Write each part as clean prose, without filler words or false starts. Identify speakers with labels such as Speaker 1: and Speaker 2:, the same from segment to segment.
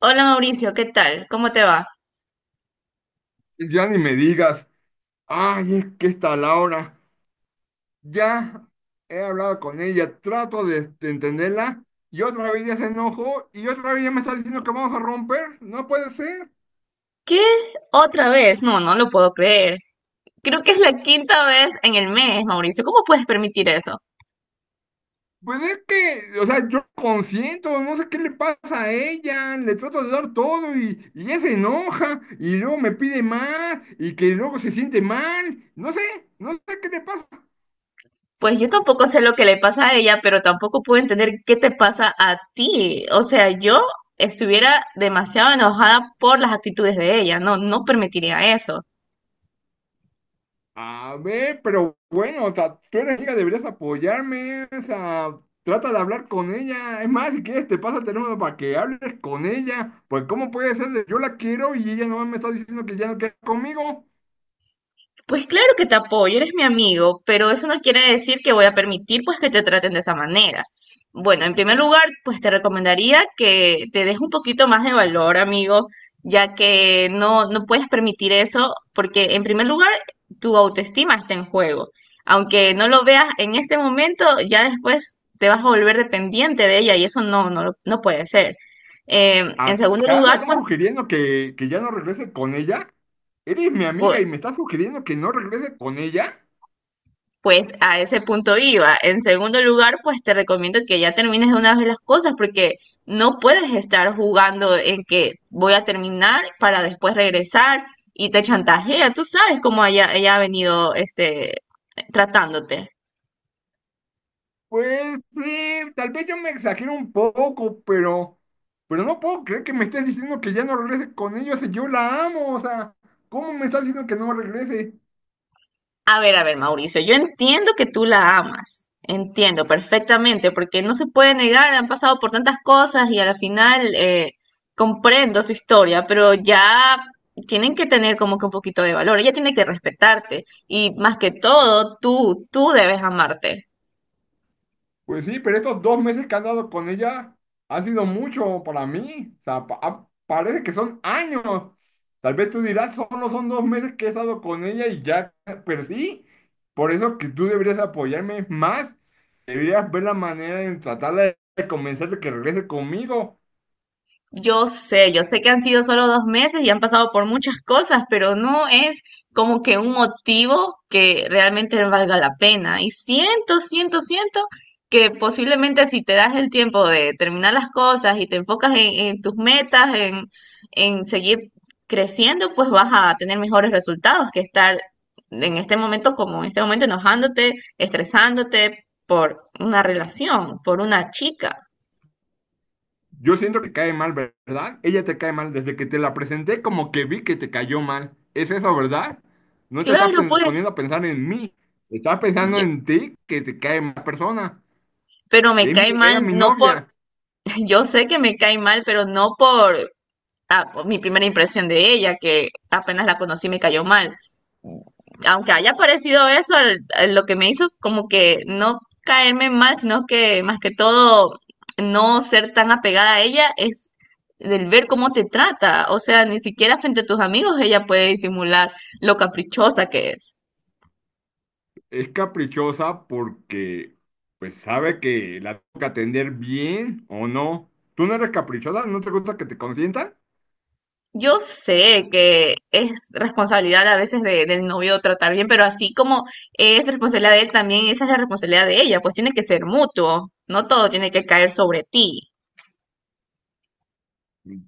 Speaker 1: Hola Mauricio, ¿qué tal? ¿Cómo te va?
Speaker 2: Ya ni me digas, ay, es que esta Laura, ya he hablado con ella, trato de entenderla, y otra vez ya se enojó, y otra vez ya me está diciendo que vamos a romper, no puede ser.
Speaker 1: ¿Qué? ¿Otra vez? No, no lo puedo creer. Creo que es la quinta vez en el mes, Mauricio. ¿Cómo puedes permitir eso?
Speaker 2: Pues es que, o sea, yo consiento, no sé qué le pasa a ella, le trato de dar todo y ella se enoja, y luego me pide más, y que luego se siente mal, no sé, no sé qué le pasa.
Speaker 1: Pues yo tampoco sé lo que le pasa a ella, pero tampoco puedo entender qué te pasa a ti. O sea, yo estuviera demasiado enojada por las actitudes de ella. No, no permitiría eso.
Speaker 2: A ver, pero bueno, o sea, tú eres amiga, deberías apoyarme, o sea, trata de hablar con ella. Es más, si quieres, te pasa el teléfono para que hables con ella. Pues, ¿cómo puede ser? De yo la quiero y ella no me está diciendo que ya no quiere conmigo.
Speaker 1: Pues claro que te apoyo, eres mi amigo, pero eso no quiere decir que voy a permitir pues que te traten de esa manera. Bueno, en primer lugar, pues te recomendaría que te des un poquito más de valor, amigo, ya que no puedes permitir eso porque en primer lugar tu autoestima está en juego. Aunque no lo veas en este momento, ya después te vas a volver dependiente de ella y eso no no puede ser. En segundo
Speaker 2: ¿Acaso
Speaker 1: lugar,
Speaker 2: estás
Speaker 1: pues,
Speaker 2: sugiriendo que ya no regrese con ella? Eres mi amiga y me estás sugiriendo que no regrese con ella.
Speaker 1: pues a ese punto iba. En segundo lugar, pues te recomiendo que ya termines de una vez las cosas porque no puedes estar jugando en que voy a terminar para después regresar y te chantajea. Tú sabes cómo ella ha venido tratándote.
Speaker 2: Pues sí, tal vez yo me exagero un poco, pero no puedo creer que me estés diciendo que ya no regrese con ellos y yo la amo, o sea, ¿cómo me estás diciendo que no regrese?
Speaker 1: A ver, Mauricio, yo entiendo que tú la amas, entiendo perfectamente, porque no se puede negar, han pasado por tantas cosas y a la final comprendo su historia, pero ya tienen que tener como que un poquito de valor, ella tiene que respetarte y más que todo, tú debes amarte.
Speaker 2: Pues sí, pero estos dos meses que han dado con ella han sido mucho para mí, o sea, parece que son años. Tal vez tú dirás, solo son dos meses que he estado con ella y ya, pero sí, por eso que tú deberías apoyarme más, deberías ver la manera de tratarla de convencer de que regrese conmigo.
Speaker 1: Yo sé que han sido solo 2 meses y han pasado por muchas cosas, pero no es como que un motivo que realmente valga la pena. Y siento que posiblemente si te das el tiempo de terminar las cosas y te enfocas en tus metas, en seguir creciendo, pues vas a tener mejores resultados que estar en este momento como en este momento enojándote, estresándote por una relación, por una chica.
Speaker 2: Yo siento que cae mal, ¿verdad? Ella te cae mal. Desde que te la presenté, como que vi que te cayó mal. ¿Es eso, verdad? No te estás
Speaker 1: Claro, pues.
Speaker 2: poniendo a pensar en mí. Estás pensando en ti, que te cae mal persona.
Speaker 1: Pero me cae
Speaker 2: Era
Speaker 1: mal,
Speaker 2: mi
Speaker 1: no por,
Speaker 2: novia.
Speaker 1: yo sé que me cae mal, pero no por ah, por mi primera impresión de ella, que apenas la conocí me cayó mal. Aunque haya parecido eso, a lo que me hizo como que no caerme mal, sino que más que todo no ser tan apegada a ella es del ver cómo te trata. O sea, ni siquiera frente a tus amigos ella puede disimular lo caprichosa que es.
Speaker 2: Es caprichosa porque, pues, sabe que la tengo que atender bien o no. ¿Tú no eres caprichosa? ¿No te gusta que te consientan?
Speaker 1: Yo sé que es responsabilidad a veces del novio tratar bien, pero así como es responsabilidad de él, también esa es la responsabilidad de ella, pues tiene que ser mutuo, no todo tiene que caer sobre ti.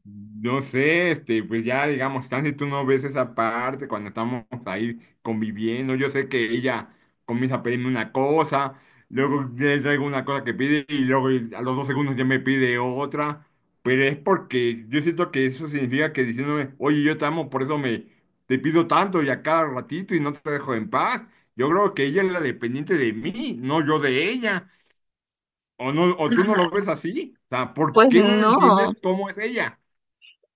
Speaker 2: No sé, este, pues ya digamos, casi tú no ves esa parte cuando estamos ahí conviviendo. Yo sé que ella comienza a pedirme una cosa, luego le traigo una cosa que pide y luego a los dos segundos ya me pide otra. Pero es porque yo siento que eso significa que diciéndome, oye, yo te amo, por eso me te pido tanto y a cada ratito y no te dejo en paz. Yo creo que ella es la dependiente de mí, no yo de ella. O no, o tú no lo ves así. O sea, ¿por
Speaker 1: Pues
Speaker 2: qué no
Speaker 1: no.
Speaker 2: entiendes cómo es ella?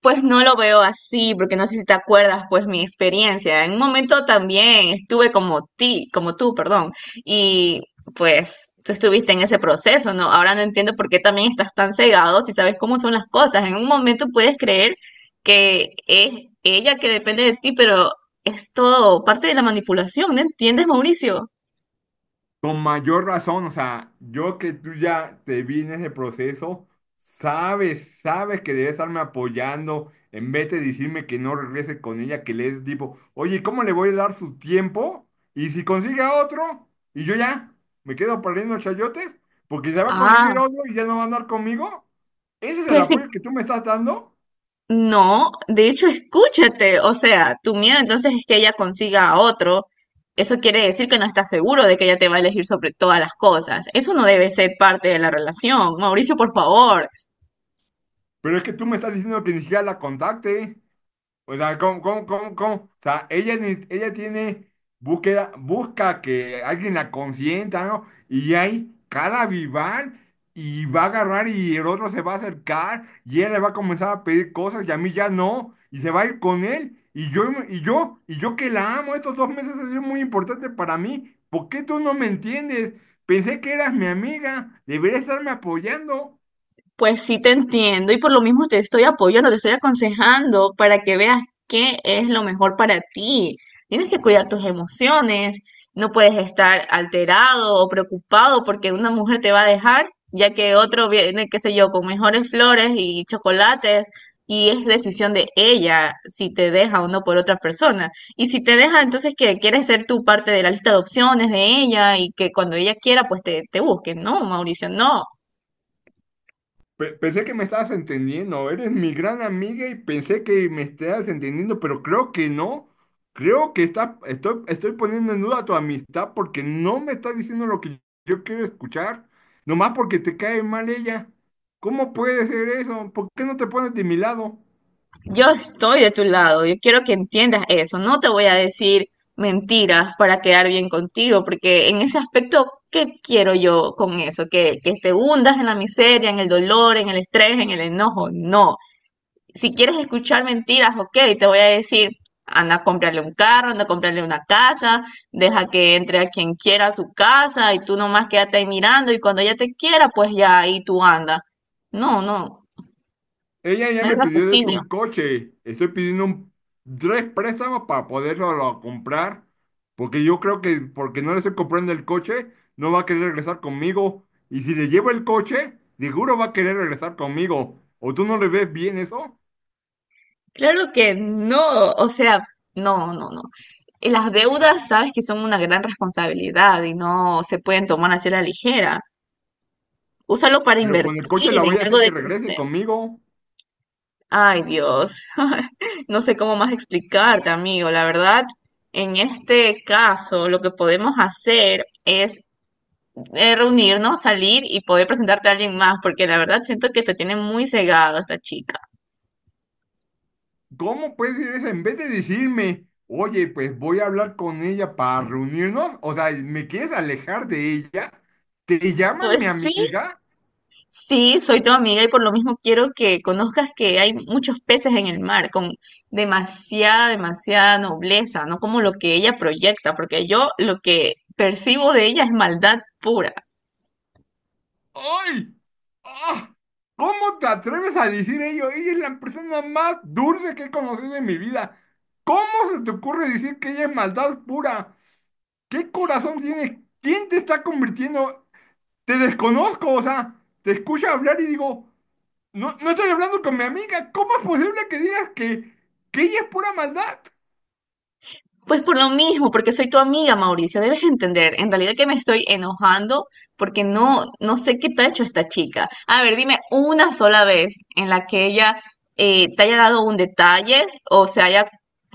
Speaker 1: Pues no lo veo así, porque no sé si te acuerdas, pues mi experiencia. En un momento también estuve como ti, como tú, perdón, y pues tú estuviste en ese proceso, ¿no? Ahora no entiendo por qué también estás tan cegado si sabes cómo son las cosas. En un momento puedes creer que es ella que depende de ti, pero es todo parte de la manipulación, ¿no entiendes, Mauricio?
Speaker 2: Con mayor razón, o sea, yo que tú ya te vi en ese proceso, sabes, sabes que debes estarme apoyando en vez de decirme que no regrese con ella, que le es tipo, oye, ¿cómo le voy a dar su tiempo? Y si consigue a otro, y yo ya me quedo perdiendo chayotes, porque ya va a
Speaker 1: Ah,
Speaker 2: conseguir otro y ya no va a andar conmigo. Ese es el
Speaker 1: pues sí.
Speaker 2: apoyo que tú me estás dando,
Speaker 1: No, de hecho, escúchate, o sea, tu miedo entonces es que ella consiga a otro. Eso quiere decir que no estás seguro de que ella te va a elegir sobre todas las cosas. Eso no debe ser parte de la relación. Mauricio, por favor,
Speaker 2: pero es que tú me estás diciendo que ni siquiera la contacte. O sea, ¿cómo? O sea, ella, ella tiene búsqueda, busca que alguien la consienta, ¿no? Y hay cada vivar y va a agarrar y el otro se va a acercar y ella le va a comenzar a pedir cosas y a mí ya no. Y se va a ir con él. Y yo que la amo, estos dos meses han sido muy importantes para mí. ¿Por qué tú no me entiendes? Pensé que eras mi amiga, deberías estarme apoyando.
Speaker 1: pues sí te entiendo y por lo mismo te estoy apoyando, te estoy aconsejando para que veas qué es lo mejor para ti. Tienes que cuidar tus emociones, no puedes estar alterado o preocupado porque una mujer te va a dejar, ya que otro viene, qué sé yo, con mejores flores y chocolates y es decisión de ella si te deja o no por otra persona. Y si te deja, entonces que quieres ser tú parte de la lista de opciones de ella y que cuando ella quiera, pues te busque. No, Mauricio, no.
Speaker 2: Pensé que me estabas entendiendo, eres mi gran amiga y pensé que me estabas entendiendo, pero creo que no. Creo que estoy poniendo en duda tu amistad porque no me estás diciendo lo que yo quiero escuchar, nomás porque te cae mal ella. ¿Cómo puede ser eso? ¿Por qué no te pones de mi lado?
Speaker 1: Yo estoy de tu lado, yo quiero que entiendas eso, no te voy a decir mentiras para quedar bien contigo, porque en ese aspecto, ¿qué quiero yo con eso? Que te hundas en la miseria, en el dolor, en el estrés, en el enojo, no. Si quieres escuchar mentiras, ok, te voy a decir, anda a comprarle un carro, anda a comprarle una casa, deja que entre a quien quiera a su casa y tú nomás quédate ahí mirando y cuando ella te quiera, pues ya ahí tú anda. No, no,
Speaker 2: Ella ya
Speaker 1: no hay
Speaker 2: me pidió, de hecho,
Speaker 1: raciocinio.
Speaker 2: un coche. Estoy pidiendo tres préstamos para comprar. Porque yo creo que porque no le estoy comprando el coche, no va a querer regresar conmigo. Y si le llevo el coche, seguro va a querer regresar conmigo. ¿O tú no le ves bien eso?
Speaker 1: Claro que no, o sea, no, no, no. Y las deudas sabes que son una gran responsabilidad y no se pueden tomar así a la ligera. Úsalo para
Speaker 2: Pero con el
Speaker 1: invertir
Speaker 2: coche la voy
Speaker 1: en
Speaker 2: a
Speaker 1: algo
Speaker 2: hacer que
Speaker 1: de
Speaker 2: regrese
Speaker 1: crecer.
Speaker 2: conmigo.
Speaker 1: Ay, Dios. No sé cómo más explicarte, amigo. La verdad, en este caso, lo que podemos hacer es reunirnos, salir y poder presentarte a alguien más, porque la verdad siento que te tiene muy cegado esta chica.
Speaker 2: ¿Cómo puedes decir eso? En vez de decirme, oye, pues voy a hablar con ella para reunirnos. O sea, ¿me quieres alejar de ella? ¿Te llama
Speaker 1: Pues
Speaker 2: mi
Speaker 1: sí,
Speaker 2: amiga?
Speaker 1: sí, soy tu amiga y por lo mismo quiero que conozcas que hay muchos peces en el mar con demasiada nobleza, no como lo que ella proyecta, porque yo lo que percibo de ella es maldad pura.
Speaker 2: ¡Ay! ¡Ah! ¿Cómo te atreves a decir ello? Ella es la persona más dulce que he conocido en mi vida. ¿Cómo se te ocurre decir que ella es maldad pura? ¿Qué corazón tienes? ¿Quién te está convirtiendo? Te desconozco, o sea, te escucho hablar y digo, no, no estoy hablando con mi amiga. ¿Cómo es posible que digas que ella es pura maldad?
Speaker 1: Pues por lo mismo, porque soy tu amiga, Mauricio, debes entender. En realidad que me estoy enojando porque no sé qué te ha hecho esta chica. A ver, dime una sola vez en la que ella te haya dado un detalle o se haya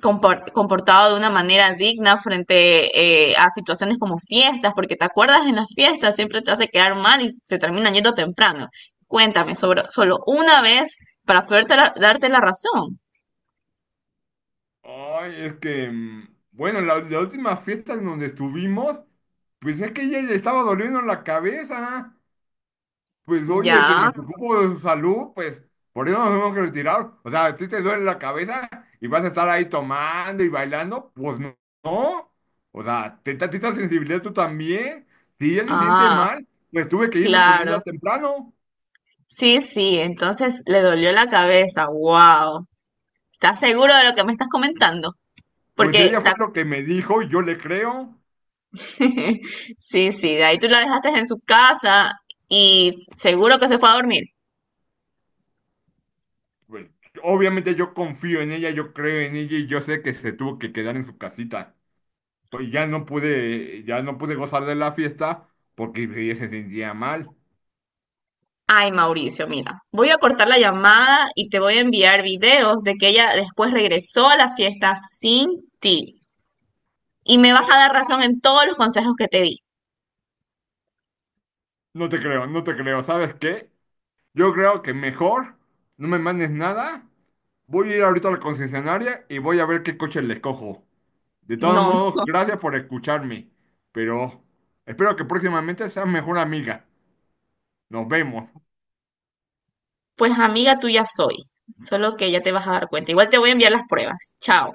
Speaker 1: comportado de una manera digna frente a situaciones como fiestas, porque te acuerdas en las fiestas, siempre te hace quedar mal y se termina yendo temprano. Cuéntame sobre solo una vez para poder darte la razón.
Speaker 2: Ay, es que, bueno, la última fiesta en donde estuvimos, pues es que ella le estaba doliendo la cabeza. Pues oye, este, me
Speaker 1: Ya,
Speaker 2: preocupo de su salud, pues por eso nos tenemos que retirar. O sea, a ti te duele la cabeza y vas a estar ahí tomando y bailando, pues no. No. O sea, ten tantita sensibilidad tú también. Si ella se siente
Speaker 1: ah,
Speaker 2: mal, pues tuve que irme con ella
Speaker 1: claro.
Speaker 2: temprano.
Speaker 1: Sí, sí, entonces le dolió la cabeza. Wow. ¿Estás seguro de lo que me estás comentando?
Speaker 2: Pues
Speaker 1: Porque
Speaker 2: ella fue
Speaker 1: la-
Speaker 2: lo que me dijo y yo le creo.
Speaker 1: sí, sí, de ahí tú la dejaste en su casa y seguro que se fue a dormir.
Speaker 2: Pues, obviamente yo confío en ella, yo creo en ella y yo sé que se tuvo que quedar en su casita. Ya no pude gozar de la fiesta porque ella se sentía mal.
Speaker 1: Ay, Mauricio, mira, voy a cortar la llamada y te voy a enviar videos de que ella después regresó a la fiesta sin ti. Y me vas a dar razón en todos los consejos que te di.
Speaker 2: No te creo, no te creo. ¿Sabes qué? Yo creo que mejor no me mandes nada. Voy a ir ahorita a la concesionaria y voy a ver qué coche le cojo. De todos
Speaker 1: No,
Speaker 2: modos,
Speaker 1: no,
Speaker 2: gracias por escucharme. Pero espero que próximamente seas mejor amiga. Nos vemos.
Speaker 1: pues amiga tuya soy. Solo que ya te vas a dar cuenta. Igual te voy a enviar las pruebas. Chao.